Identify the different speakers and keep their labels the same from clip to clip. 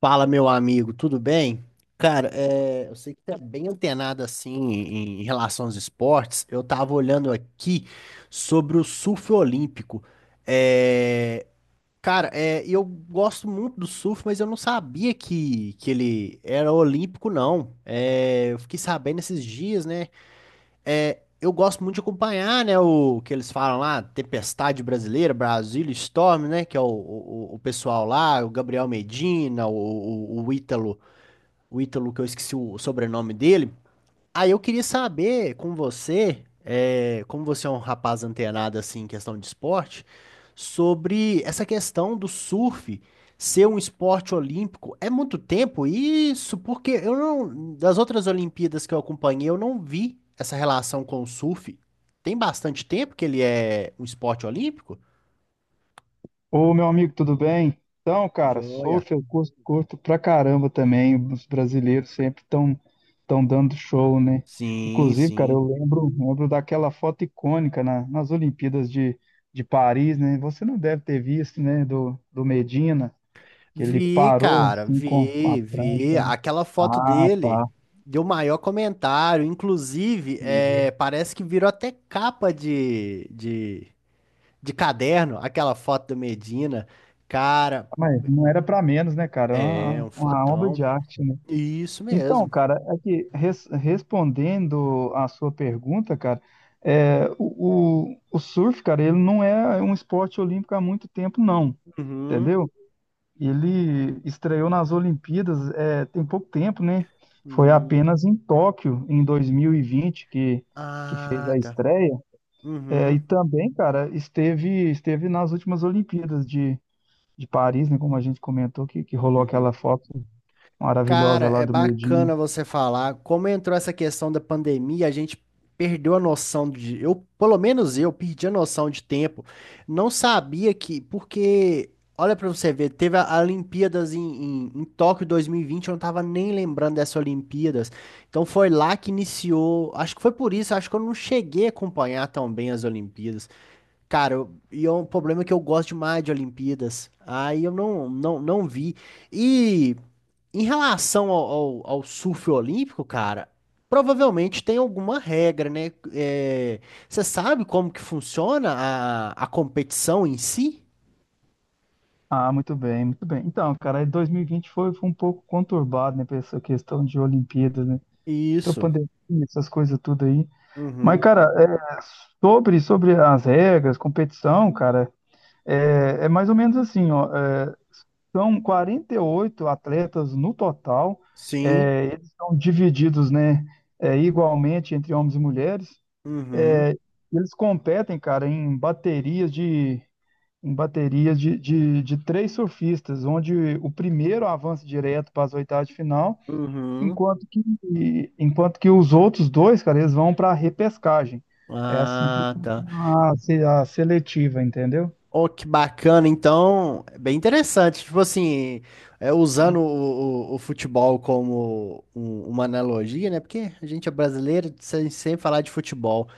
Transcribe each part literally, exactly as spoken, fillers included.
Speaker 1: Fala, meu amigo, tudo bem? Cara, é, eu sei que tá bem antenado assim em, em relação aos esportes. Eu tava olhando aqui sobre o surf olímpico. É, cara, é, eu gosto muito do surf, mas eu não sabia que, que ele era olímpico, não. É, eu fiquei sabendo esses dias, né? É, eu gosto muito de acompanhar, né, o que eles falam lá, Tempestade Brasileira, Brasília Storm, né, que é o, o, o pessoal lá, o Gabriel Medina, o, o, o Ítalo, o Ítalo que eu esqueci o sobrenome dele. Aí eu queria saber com você, eh, como você é um rapaz antenado assim em questão de esporte, sobre essa questão do surf ser um esporte olímpico. É muito tempo isso, porque eu não, das outras Olimpíadas que eu acompanhei, eu não vi essa relação com o surf. Tem bastante tempo que ele é um esporte olímpico?
Speaker 2: Ô, meu amigo, tudo bem? Então, cara,
Speaker 1: Joia.
Speaker 2: surf eu curto, curto pra caramba também. Os brasileiros sempre estão tão tão dando show, né?
Speaker 1: Sim,
Speaker 2: Inclusive, cara, eu
Speaker 1: sim.
Speaker 2: lembro, lembro daquela foto icônica na- nas Olimpíadas de, de Paris, né? Você não deve ter visto, né? Do, do Medina, que ele
Speaker 1: Vi,
Speaker 2: parou
Speaker 1: cara,
Speaker 2: assim com, com a
Speaker 1: vi,
Speaker 2: prancha.
Speaker 1: vi. Aquela foto
Speaker 2: Ah,
Speaker 1: dele
Speaker 2: tá.
Speaker 1: deu maior comentário. Inclusive, é, parece que virou até capa de, de, de, caderno, aquela foto do Medina. Cara,
Speaker 2: Mas não era pra menos, né, cara? É
Speaker 1: é
Speaker 2: Uma,
Speaker 1: um
Speaker 2: uma obra
Speaker 1: fotão.
Speaker 2: de arte, né?
Speaker 1: Isso
Speaker 2: Então,
Speaker 1: mesmo.
Speaker 2: cara, aqui, res- respondendo à sua pergunta, cara, é, o, o, o surf, cara, ele não é um esporte olímpico há muito tempo, não,
Speaker 1: Uhum.
Speaker 2: entendeu? Ele estreou nas Olimpíadas, é, tem pouco tempo, né? Foi
Speaker 1: Hum.
Speaker 2: apenas em Tóquio, em dois mil e vinte, que, que fez
Speaker 1: Ah,
Speaker 2: a
Speaker 1: tá.
Speaker 2: estreia. É,
Speaker 1: Uhum.
Speaker 2: e também, cara, esteve, esteve nas últimas Olimpíadas de, de Paris, né? Como a gente comentou, que, que rolou aquela
Speaker 1: Uhum.
Speaker 2: foto
Speaker 1: Cara,
Speaker 2: maravilhosa lá
Speaker 1: é
Speaker 2: do Medina.
Speaker 1: bacana você falar. Como entrou essa questão da pandemia, a gente perdeu a noção de. Eu, pelo menos eu, perdi a noção de tempo. Não sabia que. Porque, olha pra você ver, teve a a Olimpíadas em, em, em, Tóquio dois mil e vinte, eu não tava nem lembrando dessas Olimpíadas. Então foi lá que iniciou. Acho que foi por isso, acho que eu não cheguei a acompanhar tão bem as Olimpíadas. Cara, eu- e é um problema que eu gosto demais de Olimpíadas. Aí eu não, não, não vi. E. Em relação ao, ao, ao surf olímpico, cara, provavelmente tem alguma regra, né? É, você sabe como que funciona a, a competição em si?
Speaker 2: Ah, muito bem, muito bem. Então, cara, aí dois mil e vinte foi, foi um pouco conturbado, né, pra essa questão de Olimpíadas, né? Entrou
Speaker 1: Isso.
Speaker 2: pandemia, essas coisas tudo aí. Mas,
Speaker 1: Uhum.
Speaker 2: cara, é, sobre, sobre as regras, competição, cara, é, é mais ou menos assim, ó. é, são quarenta e oito atletas no total,
Speaker 1: Sim.
Speaker 2: é, eles são divididos, né, é, igualmente entre homens e mulheres.
Speaker 1: Uhum.
Speaker 2: É, eles competem, cara, em baterias de com baterias de, de, de três surfistas, onde o primeiro avança direto para as oitavas de final,
Speaker 1: Uhum.
Speaker 2: enquanto que, enquanto que os outros dois, cara, eles vão para a repescagem. É assim que
Speaker 1: Ah, tá.
Speaker 2: funciona a, se- a seletiva, entendeu?
Speaker 1: Oh, que bacana. Então, é bem interessante. Tipo assim, é, usando o, o- o futebol como um- uma analogia, né? Porque a gente é brasileiro, sem, sem falar de futebol.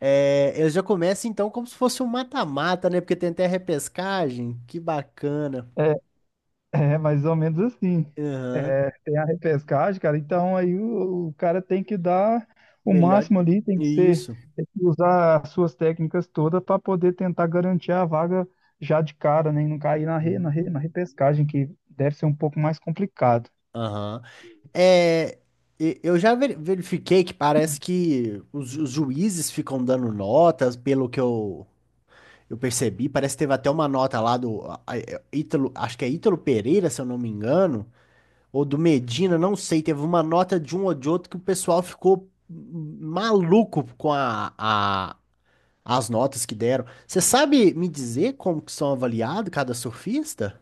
Speaker 1: É, eu já começo então como se fosse um mata-mata, né? Porque tem até repescagem. Que bacana.
Speaker 2: É, É mais ou menos assim.
Speaker 1: Aham.
Speaker 2: Tem a repescagem, cara. Então aí o, o cara tem que dar o
Speaker 1: Melhor.
Speaker 2: máximo ali, tem que ser,
Speaker 1: Isso.
Speaker 2: tem que usar as suas técnicas todas para poder tentar garantir a vaga já de cara, né? E não cair na, re, na,
Speaker 1: Uhum.
Speaker 2: re- na repescagem, que deve ser um pouco mais complicado.
Speaker 1: Aham. É, e- eu já ver- verifiquei que parece que os, ju- os juízes ficam dando notas, pelo que eu, eu, percebi. Parece que teve até uma nota lá do a- a- Ítalo, acho que é Ítalo Pereira, se eu não me engano, ou do Medina, não sei. Teve uma nota de um ou de outro que o pessoal ficou maluco com a, a, As notas que deram. Você sabe me dizer como que são avaliados cada surfista?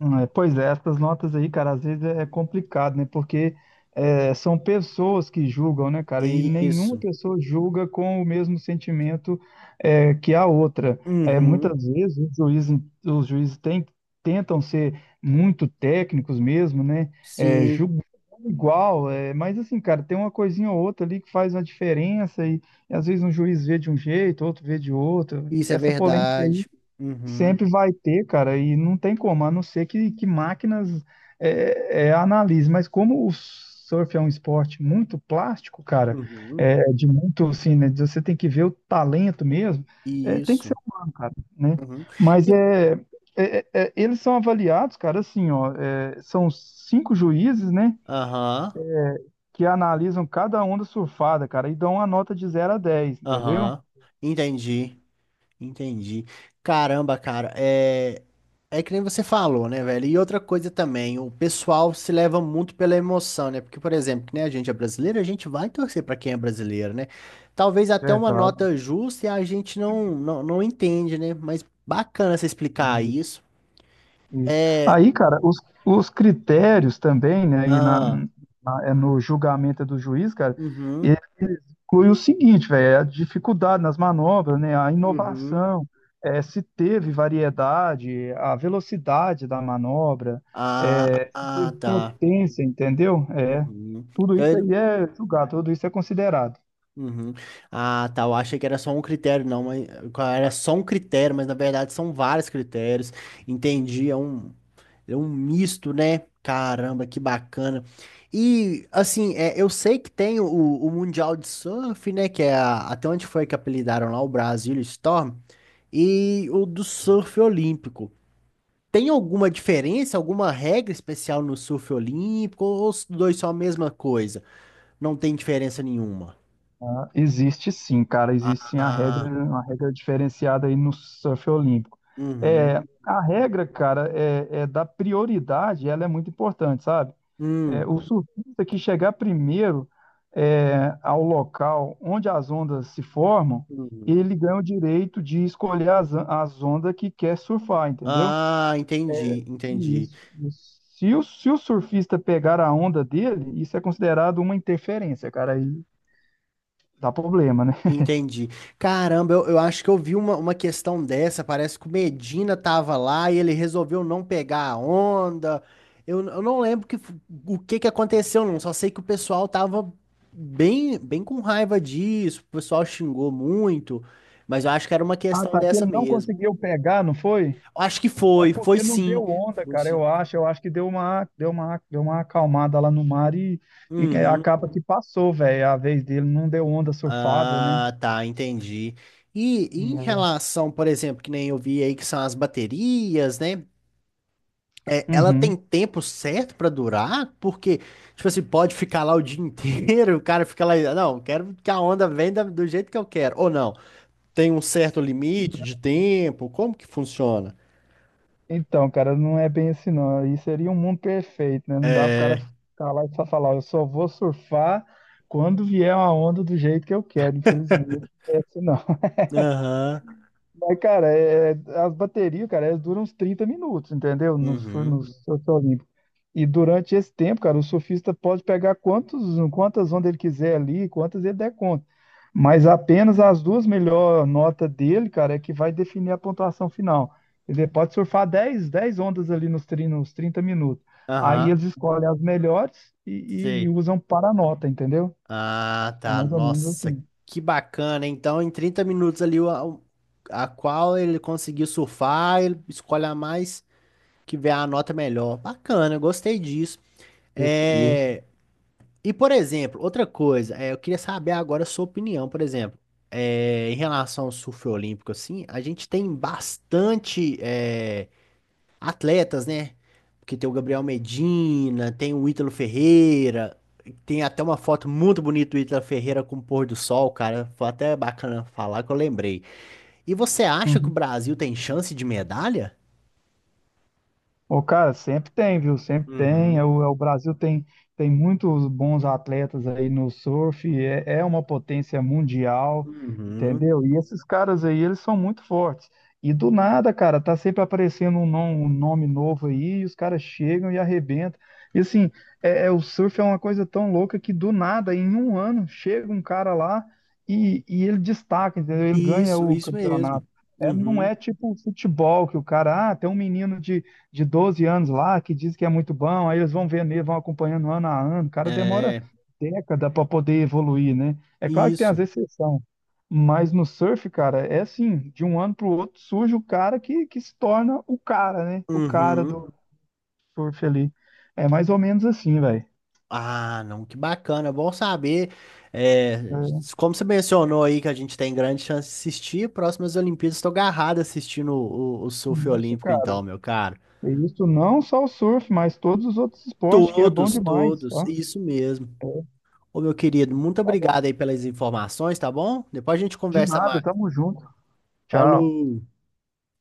Speaker 2: Hum, É, Pois é, essas notas aí, cara, às vezes é é complicado, né? Porque é, são pessoas que julgam, né, cara? E nenhuma
Speaker 1: Isso.
Speaker 2: pessoa julga com o mesmo sentimento é, que a outra. É,
Speaker 1: Uhum.
Speaker 2: muitas vezes os juízes, os juízes, tem- tentam ser muito técnicos mesmo, né? É,
Speaker 1: Sim,
Speaker 2: julgam igual, é, mas assim, cara, tem uma coisinha ou outra ali que faz uma diferença e, e às vezes um juiz vê de um jeito, outro vê de outro.
Speaker 1: isso
Speaker 2: E
Speaker 1: é
Speaker 2: essa polêmica aí.
Speaker 1: verdade. Uhum.
Speaker 2: Sempre vai ter, cara, e não tem como, a não ser que, que máquinas é, é, é, analise. Mas como o surf é um esporte muito plástico, cara,
Speaker 1: Uhum.
Speaker 2: é, de muito, assim, né, de você tem que ver o talento mesmo, é, tem que ser
Speaker 1: Isso.
Speaker 2: humano, cara, né?
Speaker 1: Uhum.
Speaker 2: Mas
Speaker 1: E-
Speaker 2: é, é- é- é, eles são avaliados, cara, assim, ó, é, são cinco juízes, né,
Speaker 1: Aham.
Speaker 2: que analisam cada onda surfada, cara, e dão uma nota de zero a dez, entendeu?
Speaker 1: Aham. Entendi. Entendi. Caramba, cara, é é que nem você falou, né, velho? E outra coisa também, o pessoal se leva muito pela emoção, né? Porque, por exemplo, que nem a gente é brasileiro, a gente vai torcer pra quem é brasileiro, né? Talvez até uma
Speaker 2: Verdade.
Speaker 1: nota justa e a gente não não, não entende, né? Mas bacana você explicar isso.
Speaker 2: Isso.
Speaker 1: É,
Speaker 2: Aí, cara, os, os critérios também, né, e na,
Speaker 1: ah,
Speaker 2: na- é no julgamento do juiz, cara, ele
Speaker 1: uhum,
Speaker 2: inclui o seguinte, velho, é a dificuldade nas manobras, né, a
Speaker 1: uhum.
Speaker 2: inovação, é, se teve variedade, a velocidade da manobra,
Speaker 1: Ah,
Speaker 2: é, se
Speaker 1: ah,
Speaker 2: teve
Speaker 1: tá.
Speaker 2: potência, entendeu? É,
Speaker 1: Uhum.
Speaker 2: tudo
Speaker 1: Então,
Speaker 2: isso
Speaker 1: ele-
Speaker 2: aí é julgado, tudo isso é considerado.
Speaker 1: Uhum. Ah, tá. Eu achei que era só um critério, não, mas era só um critério, mas na verdade são vários critérios. Entendi, é um, é um, misto, né? Caramba, que bacana. E assim, é, eu sei que tem o, o Mundial de Surf, né? Que é a- até onde foi que apelidaram lá o Brasil Storm, e o do surf olímpico. Tem alguma diferença, alguma regra especial no surf olímpico, ou os dois são a mesma coisa? Não tem diferença nenhuma?
Speaker 2: Existe sim, cara, existe sim a regra,
Speaker 1: Ah.
Speaker 2: uma regra diferenciada aí no surf olímpico. É,
Speaker 1: Uhum.
Speaker 2: a regra, cara, é, é da prioridade, ela é muito importante, sabe? É,
Speaker 1: Hum.
Speaker 2: o surfista que chegar primeiro é, ao local onde as ondas se formam,
Speaker 1: Uhum.
Speaker 2: ele ganha o direito de escolher as, as ondas que quer surfar, entendeu?
Speaker 1: Ah, entendi, entendi,
Speaker 2: Isso, isso. Se o, se o surfista pegar a onda dele, isso é considerado uma interferência, cara, aí dá problema, né?
Speaker 1: entendi. Caramba, eu, eu, acho que eu vi uma, uma questão dessa. Parece que o Medina tava lá e ele resolveu não pegar a onda. Eu, eu não lembro que, f- o que que aconteceu, não. Só sei que o pessoal tava bem, bem com raiva disso. O pessoal xingou muito, mas eu acho que era uma
Speaker 2: Ah,
Speaker 1: questão
Speaker 2: tá. Que
Speaker 1: dessa
Speaker 2: ele não
Speaker 1: mesmo.
Speaker 2: conseguiu pegar, não foi?
Speaker 1: Eu acho que
Speaker 2: É
Speaker 1: foi, foi
Speaker 2: porque não
Speaker 1: sim.
Speaker 2: deu onda,
Speaker 1: Foi
Speaker 2: cara.
Speaker 1: sim.
Speaker 2: Eu acho, eu acho que deu uma, deu uma, deu uma acalmada lá no mar e, e
Speaker 1: Uhum.
Speaker 2: acaba que passou, velho. A vez dele não deu onda surfável, né?
Speaker 1: Ah, tá, entendi. E em
Speaker 2: Hum,
Speaker 1: relação, por exemplo, que nem eu vi aí que são as baterias, né? É,
Speaker 2: é.
Speaker 1: ela tem
Speaker 2: Uhum.
Speaker 1: tempo certo pra durar? Porque, tipo assim, pode ficar lá o dia inteiro, o cara fica lá, não, quero que a onda venha da- do jeito que eu quero. Ou não, tem um certo limite de tempo? Como que funciona?
Speaker 2: Então, cara, não é bem assim, não. Aí seria um mundo perfeito, né? Não dá pro cara
Speaker 1: É.
Speaker 2: ficar lá e só falar, eu só vou surfar quando vier uma onda do jeito que eu quero, infelizmente. Não é assim, não.
Speaker 1: Aham.
Speaker 2: Mas, cara, é, é, as baterias, cara, elas duram uns trinta minutos, entendeu? No, sur- no
Speaker 1: Uhum.
Speaker 2: surf olímpico. E durante esse tempo, cara, o surfista pode pegar quantos, quantas ondas ele quiser ali, quantas ele der conta. Mas apenas as duas melhores notas dele, cara, é que vai definir a pontuação final. Ele pode surfar dez, dez ondas ali nos, tri- nos trinta minutos. Aí
Speaker 1: Aham.
Speaker 2: eles escolhem as melhores e, e
Speaker 1: Sei.
Speaker 2: usam para a nota, entendeu?
Speaker 1: Ah,
Speaker 2: É
Speaker 1: tá.
Speaker 2: mais ou menos
Speaker 1: Nossa,
Speaker 2: assim.
Speaker 1: que bacana. Então, em trinta minutos ali, o- o- a, qual ele conseguiu surfar, ele escolhe a mais que vê a nota melhor. Bacana, eu gostei disso.
Speaker 2: Isso, isso.
Speaker 1: É, e, por exemplo, outra coisa, é, eu queria saber agora a sua opinião, por exemplo, é, em relação ao surf olímpico, assim, a gente tem bastante. É, atletas, né? Porque tem o Gabriel Medina, tem o Ítalo Ferreira, tem até uma foto muito bonita do Ítalo Ferreira com o pôr do sol, cara. Foi até bacana falar que eu lembrei. E você acha que o Brasil tem chance de medalha?
Speaker 2: Ô, cara, sempre tem, viu? Sempre tem. É
Speaker 1: Uhum,
Speaker 2: O, é o Brasil tem, tem muitos bons atletas aí no surf, é, é uma potência mundial,
Speaker 1: uhum.
Speaker 2: entendeu? E esses caras aí, eles são muito fortes. E do nada, cara, tá sempre aparecendo um, nom- um nome novo aí, e os caras chegam e arrebentam. E assim, é, é- o surf é uma coisa tão louca que do nada, em um ano, chega um cara lá e, e ele destaca, entendeu? Ele ganha
Speaker 1: Isso,
Speaker 2: o
Speaker 1: isso mesmo.
Speaker 2: campeonato. É, não
Speaker 1: Uhum.
Speaker 2: é tipo futebol que o cara, ah, tem um menino de de doze anos lá, que diz que é muito bom, aí eles vão vendo, ele, vão acompanhando ano a ano. O cara demora
Speaker 1: É,
Speaker 2: década para poder evoluir, né? É claro que tem as
Speaker 1: isso.
Speaker 2: exceções, mas no surf, cara, é assim, de um ano para o outro surge o cara que, que se torna o cara, né? O cara
Speaker 1: Uhum.
Speaker 2: do surf ali. É mais ou menos assim, velho.
Speaker 1: Ah, não, que bacana, bom saber. É,
Speaker 2: É
Speaker 1: como você mencionou aí que a gente tem grande chance de assistir, próximas Olimpíadas estou agarrado assistindo o, o, o, surf
Speaker 2: isso,
Speaker 1: olímpico, então,
Speaker 2: cara.
Speaker 1: meu caro.
Speaker 2: É isso não só o surf, mas todos os outros esportes, que é bom
Speaker 1: Todos,
Speaker 2: demais,
Speaker 1: todos,
Speaker 2: tá?
Speaker 1: isso mesmo. Ô, meu querido, muito obrigado aí pelas informações, tá bom? Depois a gente
Speaker 2: De
Speaker 1: conversa
Speaker 2: nada,
Speaker 1: mais.
Speaker 2: tamo junto. Tchau.
Speaker 1: Falou!